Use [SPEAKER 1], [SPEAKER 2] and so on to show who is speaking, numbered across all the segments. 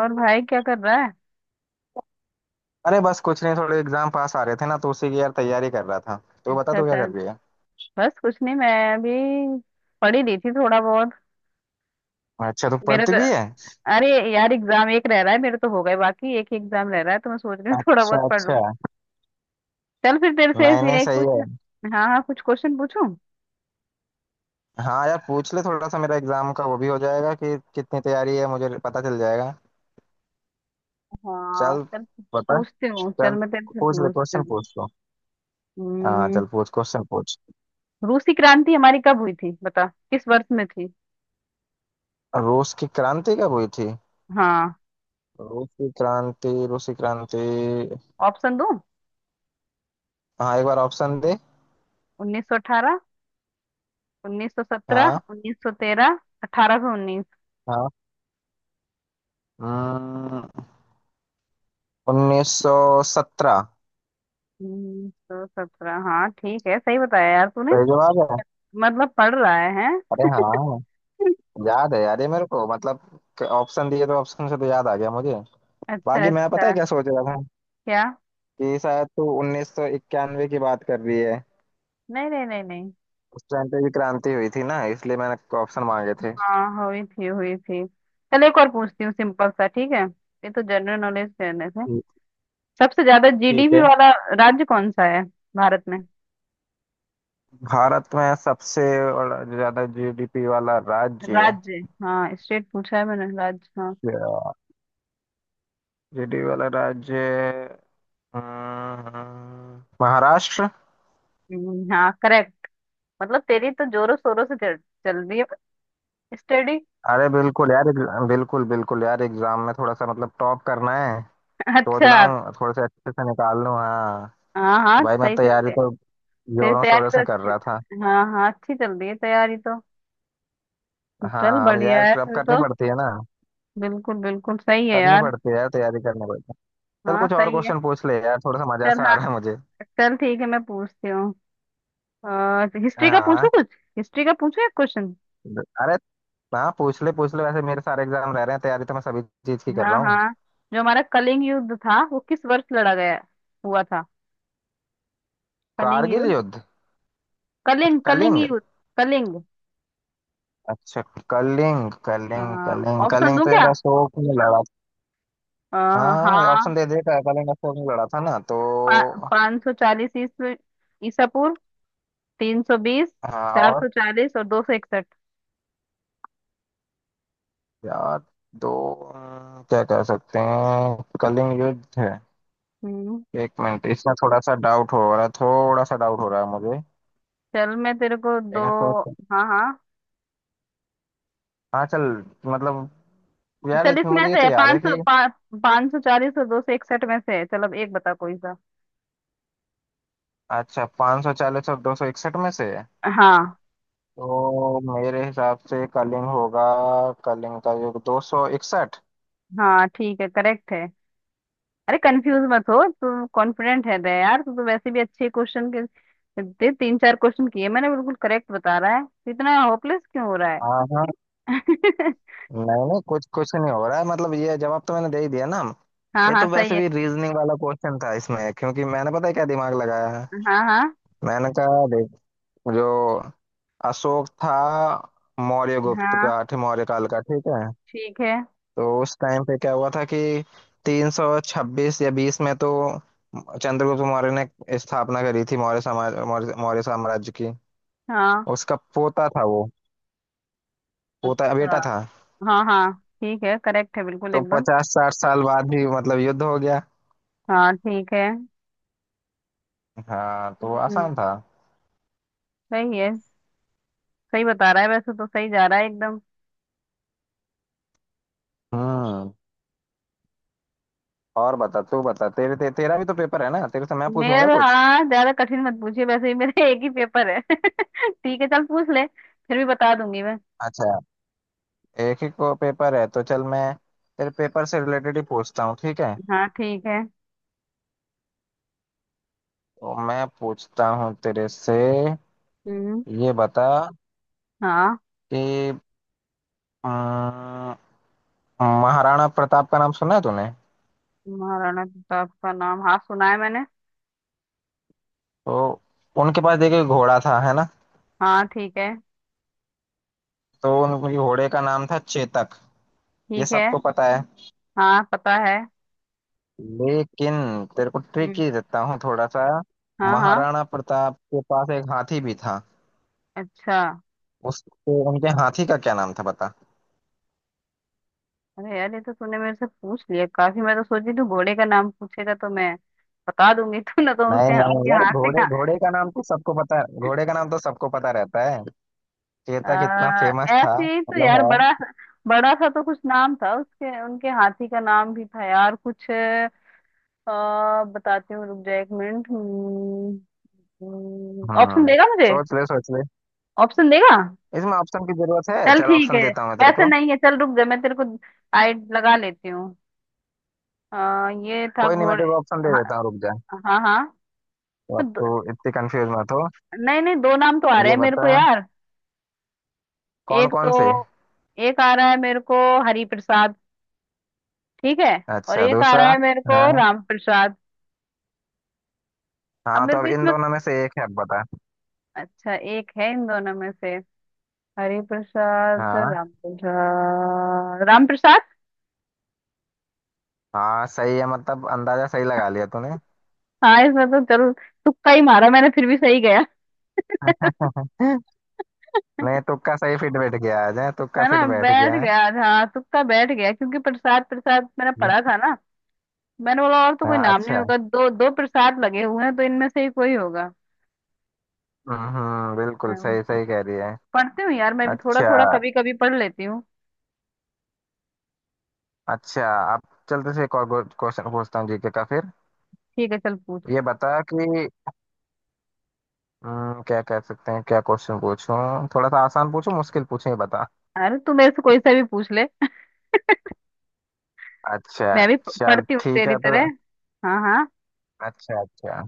[SPEAKER 1] और भाई क्या कर रहा है?
[SPEAKER 2] अरे बस कुछ नहीं, थोड़े एग्जाम पास आ रहे थे ना, तो उसी की यार तैयारी कर रहा था। तो बता,
[SPEAKER 1] अच्छा,
[SPEAKER 2] तू क्या
[SPEAKER 1] अच्छा।
[SPEAKER 2] कर रही है?
[SPEAKER 1] बस कुछ नहीं, मैं अभी पढ़ ही रही थी थोड़ा बहुत।
[SPEAKER 2] अच्छा, तू
[SPEAKER 1] मेरा
[SPEAKER 2] पढ़ती
[SPEAKER 1] तो,
[SPEAKER 2] भी है?
[SPEAKER 1] अरे यार, एग्जाम एक रह रहा है, मेरे तो हो गए, बाकी एक ही एग्जाम रह रहा है, तो मैं सोच रही हूँ थोड़ा बहुत
[SPEAKER 2] अच्छा
[SPEAKER 1] पढ़ लूँ।
[SPEAKER 2] अच्छा।
[SPEAKER 1] चल फिर तेरे से
[SPEAKER 2] नहीं
[SPEAKER 1] ऐसे
[SPEAKER 2] नहीं,
[SPEAKER 1] ही
[SPEAKER 2] सही
[SPEAKER 1] कुछ,
[SPEAKER 2] है।
[SPEAKER 1] हाँ हाँ, कुछ क्वेश्चन पूछूं।
[SPEAKER 2] हाँ यार, पूछ ले, थोड़ा सा मेरा एग्जाम का वो भी हो जाएगा कि कितनी तैयारी है मुझे पता चल जाएगा।
[SPEAKER 1] हाँ
[SPEAKER 2] चल
[SPEAKER 1] चल,
[SPEAKER 2] बता।
[SPEAKER 1] पूछती हूँ, चल
[SPEAKER 2] चल
[SPEAKER 1] मैं तेरे से
[SPEAKER 2] पूछ ले,
[SPEAKER 1] पूछती
[SPEAKER 2] क्वेश्चन
[SPEAKER 1] हूँ।
[SPEAKER 2] पूछ लो। हाँ
[SPEAKER 1] हम्म,
[SPEAKER 2] चल, पूछ क्वेश्चन पूछ।
[SPEAKER 1] रूसी क्रांति हमारी कब हुई थी, बता। किस वर्ष में थी?
[SPEAKER 2] रूस की क्रांति कब हुई थी?
[SPEAKER 1] हाँ।
[SPEAKER 2] रूस की क्रांति।
[SPEAKER 1] ऑप्शन दूं?
[SPEAKER 2] हाँ, एक बार ऑप्शन दे।
[SPEAKER 1] उन्नीस सौ अठारह, उन्नीस सौ सत्रह,
[SPEAKER 2] हाँ
[SPEAKER 1] उन्नीस सौ तेरह, अठारह सौ उन्नीस।
[SPEAKER 2] हाँ। हम्म, उन्नीस सौ सत्रह।
[SPEAKER 1] सौ सत्रह, हाँ ठीक है, सही बताया यार तूने।
[SPEAKER 2] सही जवाब है।
[SPEAKER 1] मतलब पढ़ रहा है हैं?
[SPEAKER 2] अरे हाँ, याद है यार ये मेरे को, मतलब ऑप्शन दिए तो ऑप्शन से तो याद आ गया मुझे।
[SPEAKER 1] अच्छा,
[SPEAKER 2] बाकी मैं पता
[SPEAKER 1] अच्छा।
[SPEAKER 2] है क्या सोच रहा था?
[SPEAKER 1] क्या?
[SPEAKER 2] कि शायद तू उन्नीस सौ इक्यानवे की बात कर रही है।
[SPEAKER 1] नहीं नहीं नहीं नहीं।
[SPEAKER 2] उस टाइम पे भी क्रांति हुई थी ना, इसलिए मैंने ऑप्शन मांगे थे।
[SPEAKER 1] हाँ हुई थी, हुई थी। चल एक और पूछती हूँ, सिंपल सा, ठीक है। ये तो जनरल नॉलेज करने से।
[SPEAKER 2] ठीक।
[SPEAKER 1] सबसे ज्यादा
[SPEAKER 2] ठीक
[SPEAKER 1] जीडीपी
[SPEAKER 2] है।
[SPEAKER 1] वाला राज्य कौन सा है भारत में?
[SPEAKER 2] भारत में सबसे ज्यादा जीडीपी वाला राज्य।
[SPEAKER 1] राज्य, हाँ स्टेट पूछा है मैंने, राज्य, हाँ।
[SPEAKER 2] जीडीपी वाला राज्य। महाराष्ट्र।
[SPEAKER 1] हाँ, करेक्ट। मतलब तेरी तो जोरों शोरों से चल, चल रही है स्टडी
[SPEAKER 2] अरे बिल्कुल यार, बिल्कुल बिल्कुल यार, एग्जाम में थोड़ा सा मतलब टॉप करना है। सोच
[SPEAKER 1] अच्छा।
[SPEAKER 2] रहा हूँ थोड़े से अच्छे से निकाल लूँ, हाँ।
[SPEAKER 1] हाँ
[SPEAKER 2] तो
[SPEAKER 1] हाँ,
[SPEAKER 2] भाई मैं
[SPEAKER 1] सही चल रही
[SPEAKER 2] तैयारी
[SPEAKER 1] है।
[SPEAKER 2] तो
[SPEAKER 1] तेरी
[SPEAKER 2] जोरों
[SPEAKER 1] तैयारी
[SPEAKER 2] शोरों
[SPEAKER 1] तो
[SPEAKER 2] से कर रहा था।
[SPEAKER 1] अच्छी, हाँ हाँ, अच्छी चल रही है तैयारी तो। चल
[SPEAKER 2] हाँ, अब
[SPEAKER 1] बढ़िया
[SPEAKER 2] यार
[SPEAKER 1] है
[SPEAKER 2] अब
[SPEAKER 1] फिर
[SPEAKER 2] करनी
[SPEAKER 1] तो।
[SPEAKER 2] पड़ती है ना।
[SPEAKER 1] बिल्कुल बिल्कुल सही है
[SPEAKER 2] करनी
[SPEAKER 1] यार।
[SPEAKER 2] पड़ती है यार, तैयारी करनी पड़ती है। चल
[SPEAKER 1] हाँ
[SPEAKER 2] कुछ और
[SPEAKER 1] सही है।
[SPEAKER 2] क्वेश्चन पूछ ले यार, थोड़ा सा मजा
[SPEAKER 1] चल।
[SPEAKER 2] सा आ
[SPEAKER 1] हाँ।
[SPEAKER 2] रहा है मुझे।
[SPEAKER 1] चल ठीक है, मैं पूछती हूँ। हिस्ट्री का पूछूं,
[SPEAKER 2] हाँ।
[SPEAKER 1] कुछ हिस्ट्री का पूछूं एक क्वेश्चन।
[SPEAKER 2] अरे हाँ, पूछ ले पूछ ले, वैसे मेरे सारे एग्जाम रह रहे हैं, तैयारी तो मैं सभी चीज की कर
[SPEAKER 1] हाँ
[SPEAKER 2] रहा हूँ।
[SPEAKER 1] हाँ। जो हमारा कलिंग युद्ध था वो किस वर्ष लड़ा गया, हुआ था? कलिंग
[SPEAKER 2] कारगिल
[SPEAKER 1] युद्ध,
[SPEAKER 2] युद्ध? अच्छा,
[SPEAKER 1] कलिंग, कलिंग
[SPEAKER 2] कलिंग।
[SPEAKER 1] युद्ध, कलिंग।
[SPEAKER 2] अच्छा। कलिंग कलिंग कलिंग
[SPEAKER 1] ऑप्शन
[SPEAKER 2] कलिंग
[SPEAKER 1] दूं
[SPEAKER 2] तो
[SPEAKER 1] क्या?
[SPEAKER 2] यार अशोक ने लड़ा था।
[SPEAKER 1] अ,
[SPEAKER 2] हाँ,
[SPEAKER 1] हाँ।
[SPEAKER 2] ऑप्शन दे दे, कलिंग अशोक ने लड़ा था ना, तो।
[SPEAKER 1] पाँच सौ चालीस ईसा पूर्व, तीन सौ बीस,
[SPEAKER 2] हाँ,
[SPEAKER 1] चार
[SPEAKER 2] और?
[SPEAKER 1] सौ चालीस और दो सौ इकसठ।
[SPEAKER 2] यार दो, क्या कह सकते हैं, कलिंग युद्ध है।
[SPEAKER 1] हम्म
[SPEAKER 2] एक मिनट, इसमें थोड़ा सा डाउट हो रहा है, थोड़ा सा डाउट हो रहा है मुझे।
[SPEAKER 1] चल मैं तेरे को दो।
[SPEAKER 2] एक मिनट
[SPEAKER 1] हाँ हाँ।
[SPEAKER 2] हाँ चल। मतलब यार
[SPEAKER 1] चल
[SPEAKER 2] इतना
[SPEAKER 1] इसमें
[SPEAKER 2] मुझे ये तो
[SPEAKER 1] से
[SPEAKER 2] याद है
[SPEAKER 1] पाँच सौ,
[SPEAKER 2] कि,
[SPEAKER 1] पाँच सौ चालीस और दो सौ इकसठ में से है, चल अब एक बता कोई सा।
[SPEAKER 2] अच्छा, पाँच सौ चालीस और दो सौ इकसठ में से है।
[SPEAKER 1] हाँ,
[SPEAKER 2] तो मेरे हिसाब से कलिंग होगा। कलिंग का युग दो सौ इकसठ।
[SPEAKER 1] हाँ ठीक है, करेक्ट है। अरे कंफ्यूज मत हो तू, कॉन्फिडेंट है रे यार तू तो, वैसे भी अच्छे क्वेश्चन के दे, तीन चार क्वेश्चन किए मैंने, बिल्कुल करेक्ट बता रहा है, तो इतना होपलेस क्यों हो रहा
[SPEAKER 2] हाँ
[SPEAKER 1] है?
[SPEAKER 2] हाँ। नहीं नहीं, कुछ कुछ नहीं हो रहा है, मतलब ये जवाब तो मैंने दे ही दिया ना।
[SPEAKER 1] हाँ
[SPEAKER 2] ये
[SPEAKER 1] हाँ
[SPEAKER 2] तो
[SPEAKER 1] सही
[SPEAKER 2] वैसे
[SPEAKER 1] है।
[SPEAKER 2] भी रीजनिंग वाला क्वेश्चन था इसमें, क्योंकि मैंने पता है क्या दिमाग लगाया है।
[SPEAKER 1] हाँ हाँ।
[SPEAKER 2] मैंने कहा जो अशोक था, मौर्य
[SPEAKER 1] हाँ
[SPEAKER 2] मौर्य काल का, ठीक है।
[SPEAKER 1] ठीक है।
[SPEAKER 2] तो उस टाइम पे क्या हुआ था कि 326 या 20 में तो चंद्रगुप्त मौर्य ने स्थापना करी थी, मौर्य समाज मौर्य मौर्य साम्राज्य की।
[SPEAKER 1] हाँ।
[SPEAKER 2] उसका पोता था वो, पोता
[SPEAKER 1] अच्छा।
[SPEAKER 2] बेटा था।
[SPEAKER 1] हाँ हाँ ठीक है, करेक्ट है बिल्कुल
[SPEAKER 2] तो
[SPEAKER 1] एकदम।
[SPEAKER 2] पचास साठ साल बाद ही मतलब युद्ध हो गया।
[SPEAKER 1] हाँ ठीक है।
[SPEAKER 2] हाँ, तो
[SPEAKER 1] हम्म
[SPEAKER 2] आसान था।
[SPEAKER 1] सही है। सही बता रहा है, वैसे तो सही जा रहा है एकदम।
[SPEAKER 2] हम्म। और बता तू, बता तेरा भी तो पेपर है ना, तेरे से मैं
[SPEAKER 1] मेरा
[SPEAKER 2] पूछूंगा
[SPEAKER 1] तो,
[SPEAKER 2] कुछ।
[SPEAKER 1] हाँ, ज्यादा कठिन मत पूछिए, वैसे ही मेरा एक ही पेपर है ठीक है चल पूछ ले, फिर भी बता दूंगी मैं।
[SPEAKER 2] अच्छा, एक ही को पेपर है, तो चल मैं तेरे पेपर से रिलेटेड ही पूछता हूँ, ठीक है?
[SPEAKER 1] हाँ ठीक है।
[SPEAKER 2] तो मैं पूछता हूँ तेरे से,
[SPEAKER 1] हम्म
[SPEAKER 2] ये बता
[SPEAKER 1] हाँ।
[SPEAKER 2] कि अम, महाराणा प्रताप का नाम सुना है तूने?
[SPEAKER 1] महाराणा प्रताप का नाम, हाँ सुना है मैंने।
[SPEAKER 2] तो उनके पास देखिए घोड़ा था, है ना।
[SPEAKER 1] हाँ ठीक है,
[SPEAKER 2] तो उनके घोड़े का नाम था चेतक। ये
[SPEAKER 1] ठीक है।
[SPEAKER 2] सबको पता है।
[SPEAKER 1] हाँ पता है।
[SPEAKER 2] लेकिन तेरे को ट्रिक
[SPEAKER 1] हम्म
[SPEAKER 2] ही देता हूँ थोड़ा सा।
[SPEAKER 1] हाँ हाँ।
[SPEAKER 2] महाराणा प्रताप के पास एक हाथी भी था।
[SPEAKER 1] अच्छा।
[SPEAKER 2] उसके उनके हाथी का क्या नाम था बता।
[SPEAKER 1] अरे यार ये तो तूने मेरे से पूछ लिया काफी, मैं तो सोची तू घोड़े का नाम पूछेगा, तो मैं बता दूंगी तू ना तो
[SPEAKER 2] नहीं
[SPEAKER 1] उसके
[SPEAKER 2] नहीं
[SPEAKER 1] उनके
[SPEAKER 2] यार,
[SPEAKER 1] हाथ से।
[SPEAKER 2] घोड़े घोड़े का नाम तो सबको पता है, घोड़े का नाम तो सबको पता रहता है।
[SPEAKER 1] आ,
[SPEAKER 2] चेता कितना फेमस था,
[SPEAKER 1] ऐसे ही तो
[SPEAKER 2] मतलब
[SPEAKER 1] यार
[SPEAKER 2] है।
[SPEAKER 1] बड़ा, बड़ा सा तो कुछ नाम था, उसके उनके हाथी का नाम भी था यार कुछ। बताती हूँ, रुक जा एक मिनट। ऑप्शन
[SPEAKER 2] हाँ
[SPEAKER 1] देगा मुझे?
[SPEAKER 2] सोच ले, सोच ले।
[SPEAKER 1] ऑप्शन देगा?
[SPEAKER 2] इसमें ऑप्शन की जरूरत है,
[SPEAKER 1] चल
[SPEAKER 2] चल
[SPEAKER 1] ठीक
[SPEAKER 2] ऑप्शन
[SPEAKER 1] है।
[SPEAKER 2] देता हूँ मैं तेरे
[SPEAKER 1] वैसे
[SPEAKER 2] को।
[SPEAKER 1] नहीं है, चल रुक जा, मैं तेरे को। आई लगा लेती हूँ। ये था
[SPEAKER 2] कोई नहीं, मैं
[SPEAKER 1] घोड़े।
[SPEAKER 2] तेरे को ऑप्शन दे
[SPEAKER 1] हाँ।
[SPEAKER 2] देता हूँ, रुक जा।
[SPEAKER 1] हाँ हाँ।
[SPEAKER 2] तो
[SPEAKER 1] तो
[SPEAKER 2] अब
[SPEAKER 1] दो,
[SPEAKER 2] तू इतनी कंफ्यूज मत हो।
[SPEAKER 1] नहीं नहीं दो नाम तो आ रहे
[SPEAKER 2] ये
[SPEAKER 1] हैं मेरे को
[SPEAKER 2] बता,
[SPEAKER 1] यार।
[SPEAKER 2] कौन
[SPEAKER 1] एक
[SPEAKER 2] कौन से?
[SPEAKER 1] तो, एक आ रहा है मेरे को, हरि प्रसाद। ठीक है। और
[SPEAKER 2] अच्छा,
[SPEAKER 1] एक आ
[SPEAKER 2] दूसरा?
[SPEAKER 1] रहा है मेरे को,
[SPEAKER 2] हाँ
[SPEAKER 1] राम प्रसाद। अब
[SPEAKER 2] हाँ, तो
[SPEAKER 1] मेरे को
[SPEAKER 2] अब इन
[SPEAKER 1] इसमें,
[SPEAKER 2] दोनों में से एक है, अब बता।
[SPEAKER 1] अच्छा एक है इन दोनों में से, हरि प्रसाद,
[SPEAKER 2] हाँ
[SPEAKER 1] राम प्रसाद, राम प्रसाद।
[SPEAKER 2] हाँ, सही है, मतलब अंदाजा सही लगा लिया तूने।
[SPEAKER 1] हाँ, इसमें तो चलो तुक्का ही मारा मैंने, फिर भी सही गया।
[SPEAKER 2] नहीं, तुक्का सही फिट बैठ गया आज, है तुक्का
[SPEAKER 1] है
[SPEAKER 2] फिट
[SPEAKER 1] ना,
[SPEAKER 2] बैठ
[SPEAKER 1] बैठ
[SPEAKER 2] गया है।
[SPEAKER 1] गया। हाँ, तुक्का बैठ गया क्योंकि प्रसाद प्रसाद मैंने पढ़ा था ना। मैंने बोला और तो कोई
[SPEAKER 2] हाँ
[SPEAKER 1] नाम नहीं
[SPEAKER 2] अच्छा,
[SPEAKER 1] होगा, दो दो प्रसाद लगे हुए हैं तो इनमें से ही कोई होगा।
[SPEAKER 2] हम्म, बिल्कुल
[SPEAKER 1] हाँ,
[SPEAKER 2] सही सही कह रही है।
[SPEAKER 1] पढ़ती हूँ यार मैं भी थोड़ा
[SPEAKER 2] अच्छा
[SPEAKER 1] थोड़ा कभी कभी पढ़ लेती हूँ।
[SPEAKER 2] अच्छा। अब चलते से एक और क्वेश्चन पूछता हूँ, जीके का फिर।
[SPEAKER 1] ठीक है चल पूछ।
[SPEAKER 2] ये बता कि, क्या कह सकते हैं, क्या क्वेश्चन पूछूं? थोड़ा सा आसान पूछूं, मुश्किल पूछूं, ये बता।
[SPEAKER 1] अरे तू मेरे से कोई सा भी पूछ ले
[SPEAKER 2] अच्छा।
[SPEAKER 1] मैं भी
[SPEAKER 2] चल
[SPEAKER 1] पढ़ती हूँ
[SPEAKER 2] ठीक
[SPEAKER 1] तेरी
[SPEAKER 2] है, तो
[SPEAKER 1] तरह। हाँ हाँ।
[SPEAKER 2] अच्छा अच्छा,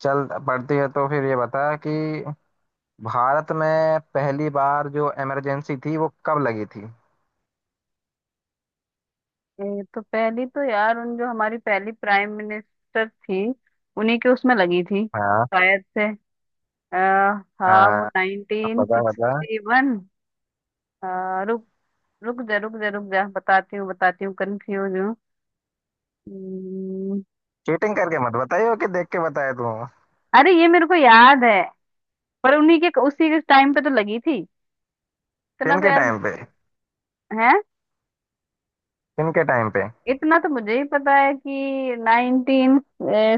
[SPEAKER 2] चल पढ़ती है तो फिर ये बता कि भारत में पहली बार जो इमरजेंसी थी वो कब लगी थी?
[SPEAKER 1] ये तो पहली तो यार, उन जो हमारी पहली प्राइम मिनिस्टर थी, उन्हीं के उसमें लगी थी
[SPEAKER 2] हाँ।
[SPEAKER 1] शायद से। आ,
[SPEAKER 2] आ,
[SPEAKER 1] हाँ वो नाइनटीन
[SPEAKER 2] बता बता।
[SPEAKER 1] Sixty one. रुक, रुक जा रुक जा रुक जा, बताती हूँ बताती हूँ, कंफ्यूज हूँ। हम्म,
[SPEAKER 2] चीटिंग करके मत बताइयो कि देख के बताया तू।
[SPEAKER 1] अरे ये मेरे को याद है, पर उन्हीं के उसी के टाइम पे तो लगी थी, इतना
[SPEAKER 2] किन
[SPEAKER 1] तो
[SPEAKER 2] के
[SPEAKER 1] यार
[SPEAKER 2] टाइम पे?
[SPEAKER 1] मुझे है।
[SPEAKER 2] किन के टाइम पे?
[SPEAKER 1] इतना तो मुझे ही पता है कि नाइनटीन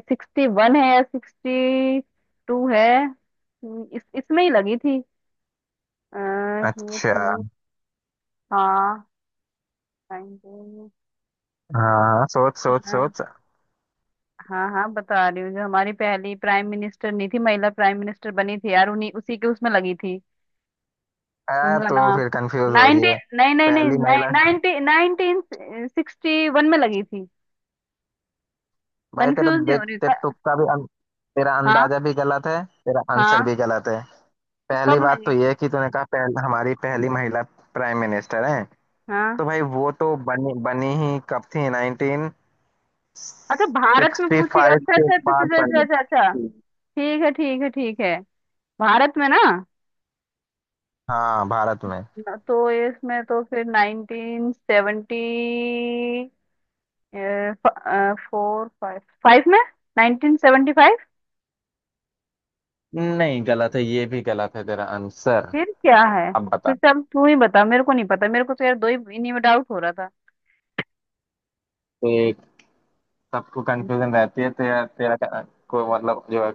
[SPEAKER 1] सिक्सटी वन है या सिक्सटी टू है, इस इसमें ही लगी थी। ये
[SPEAKER 2] अच्छा।
[SPEAKER 1] थी। हाँ। 19।
[SPEAKER 2] हाँ सोच सोच सोच।
[SPEAKER 1] हाँ हाँ बता रही हूँ, जो हमारी पहली प्राइम मिनिस्टर नहीं थी, महिला प्राइम मिनिस्टर बनी थी यार, उन्हीं उसी के उसमें लगी थी।
[SPEAKER 2] आ,
[SPEAKER 1] उनका
[SPEAKER 2] तो
[SPEAKER 1] नाम,
[SPEAKER 2] फिर कंफ्यूज हो रही है?
[SPEAKER 1] नाइनटीन, नहीं नहीं
[SPEAKER 2] पहली
[SPEAKER 1] नहीं,
[SPEAKER 2] महिला?
[SPEAKER 1] नाइनटीन सिक्सटी वन में लगी थी।
[SPEAKER 2] भाई तेरा
[SPEAKER 1] कंफ्यूज नहीं
[SPEAKER 2] देख,
[SPEAKER 1] हो रही
[SPEAKER 2] तेरे तुक्का भी तेरा
[SPEAKER 1] हाँ
[SPEAKER 2] अंदाजा भी गलत है, तेरा आंसर
[SPEAKER 1] हाँ।
[SPEAKER 2] भी गलत है।
[SPEAKER 1] तो
[SPEAKER 2] पहली
[SPEAKER 1] कब
[SPEAKER 2] बात तो
[SPEAKER 1] लगी?
[SPEAKER 2] ये कि तूने कहा हमारी पहली महिला प्राइम मिनिस्टर है,
[SPEAKER 1] हाँ।
[SPEAKER 2] तो भाई वो तो बनी, बनी ही कब थी? नाइनटीन
[SPEAKER 1] अच्छा भारत में
[SPEAKER 2] सिक्सटी
[SPEAKER 1] पूछी,
[SPEAKER 2] फाइव
[SPEAKER 1] अच्छा
[SPEAKER 2] के
[SPEAKER 1] अच्छा अच्छा
[SPEAKER 2] बाद
[SPEAKER 1] अच्छा अच्छा
[SPEAKER 2] बनी
[SPEAKER 1] अच्छा अच्छा।
[SPEAKER 2] थी।
[SPEAKER 1] ठीक है ठीक है ठीक है। भारत में ना,
[SPEAKER 2] हाँ, भारत में।
[SPEAKER 1] ना तो इसमें तो फिर nineteen seventy four, five, five में, नाइनटीन सेवेंटी फाइव।
[SPEAKER 2] नहीं, गलत है, ये भी गलत है तेरा आंसर।
[SPEAKER 1] फिर क्या है?
[SPEAKER 2] अब बता।
[SPEAKER 1] फिर से अब तू ही बता, मेरे को नहीं पता, मेरे को तो यार दो ही इन्हीं में डाउट हो रहा था।
[SPEAKER 2] एक, सबको कंफ्यूजन रहती है। तेरा तेरा का- को मतलब जो है,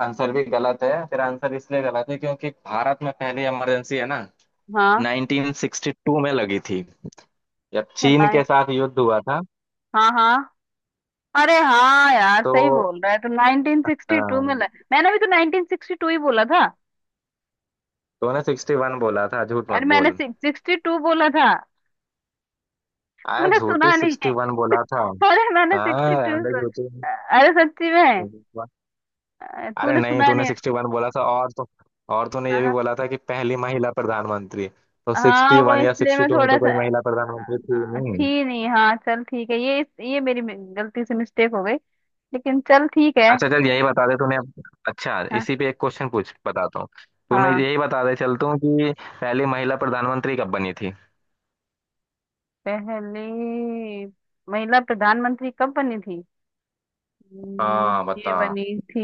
[SPEAKER 2] आंसर भी गलत है तेरा, आंसर इसलिए गलत है क्योंकि भारत में पहली इमरजेंसी है ना,
[SPEAKER 1] हाँ।
[SPEAKER 2] 1962 में लगी थी, जब
[SPEAKER 1] अच्छा।
[SPEAKER 2] चीन
[SPEAKER 1] नाइन,
[SPEAKER 2] के साथ युद्ध हुआ था।
[SPEAKER 1] हाँ हाँ। अरे हाँ यार
[SPEAKER 2] तो
[SPEAKER 1] सही बोल रहा है, तो
[SPEAKER 2] अ,
[SPEAKER 1] 1962 में मैंने भी तो 1962 ही बोला था।
[SPEAKER 2] तूने 61 बोला था, झूठ मत
[SPEAKER 1] अरे मैंने
[SPEAKER 2] बोल।
[SPEAKER 1] 62 बोला था,
[SPEAKER 2] आया,
[SPEAKER 1] तूने
[SPEAKER 2] झूठी,
[SPEAKER 1] सुना नहीं है?
[SPEAKER 2] 61 बोला था।
[SPEAKER 1] अरे मैंने
[SPEAKER 2] हाँ,
[SPEAKER 1] 62
[SPEAKER 2] रहने दे,
[SPEAKER 1] अरे सच्ची में,
[SPEAKER 2] झूठी। अरे
[SPEAKER 1] तूने
[SPEAKER 2] नहीं,
[SPEAKER 1] सुना
[SPEAKER 2] तूने
[SPEAKER 1] नहीं?
[SPEAKER 2] 61 बोला था, और तो और तूने ये भी
[SPEAKER 1] हाँ
[SPEAKER 2] बोला था कि पहली महिला प्रधानमंत्री, तो
[SPEAKER 1] हाँ, वो
[SPEAKER 2] 61 या
[SPEAKER 1] इसलिए मैं
[SPEAKER 2] 62 में
[SPEAKER 1] थोड़ा
[SPEAKER 2] तो
[SPEAKER 1] सा,
[SPEAKER 2] कोई महिला प्रधानमंत्री थी नहीं।
[SPEAKER 1] थी नहीं, हाँ चल ठीक है, ये मेरी गलती से मिस्टेक हो गई, लेकिन चल ठीक है।
[SPEAKER 2] अच्छा, चल यही बता दे अच्छा,
[SPEAKER 1] हाँ
[SPEAKER 2] इसी पे एक क्वेश्चन पूछ बताता हूँ। तूने
[SPEAKER 1] हाँ।
[SPEAKER 2] यही बता दे, चलता हूँ कि पहली महिला प्रधानमंत्री कब बनी थी?
[SPEAKER 1] पहली महिला प्रधानमंत्री कब बनी थी?
[SPEAKER 2] हाँ
[SPEAKER 1] ये
[SPEAKER 2] बता।
[SPEAKER 1] बनी थी।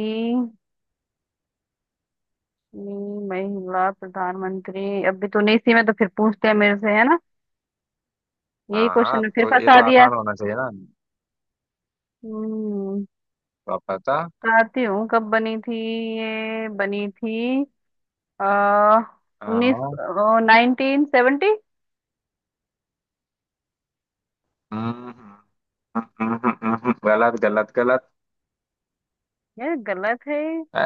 [SPEAKER 1] महिला प्रधानमंत्री अभी तूने इसी में तो फिर पूछते हैं मेरे से है ना, यही
[SPEAKER 2] हाँ
[SPEAKER 1] क्वेश्चन
[SPEAKER 2] हाँ,
[SPEAKER 1] में फिर
[SPEAKER 2] तो ये तो
[SPEAKER 1] फंसा दिया।
[SPEAKER 2] आसान होना चाहिए ना।
[SPEAKER 1] हम्म
[SPEAKER 2] तो आप बता।
[SPEAKER 1] बताती हूँ कब बनी थी, ये बनी थी, आ, उन्नीस,
[SPEAKER 2] हाँ।
[SPEAKER 1] Nineteen seventy.
[SPEAKER 2] हम्म, गलत गलत गलत।
[SPEAKER 1] यार गलत है?
[SPEAKER 2] अ,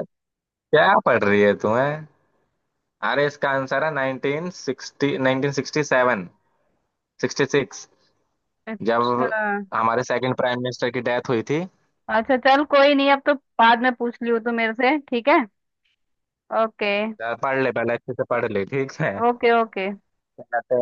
[SPEAKER 2] क्या पढ़ रही है तुम्हें? अरे इसका आंसर है nineteen sixty, nineteen sixty seven sixty six, जब
[SPEAKER 1] अच्छा।
[SPEAKER 2] हमारे सेकंड प्राइम मिनिस्टर की डेथ हुई थी।
[SPEAKER 1] अच्छा चल कोई नहीं, अब तो बाद में पूछ लियो तू मेरे से, ठीक है। ओके।
[SPEAKER 2] पढ़ ले पहले अच्छे से, पढ़ ले, ठीक
[SPEAKER 1] ओके। ओके।
[SPEAKER 2] है।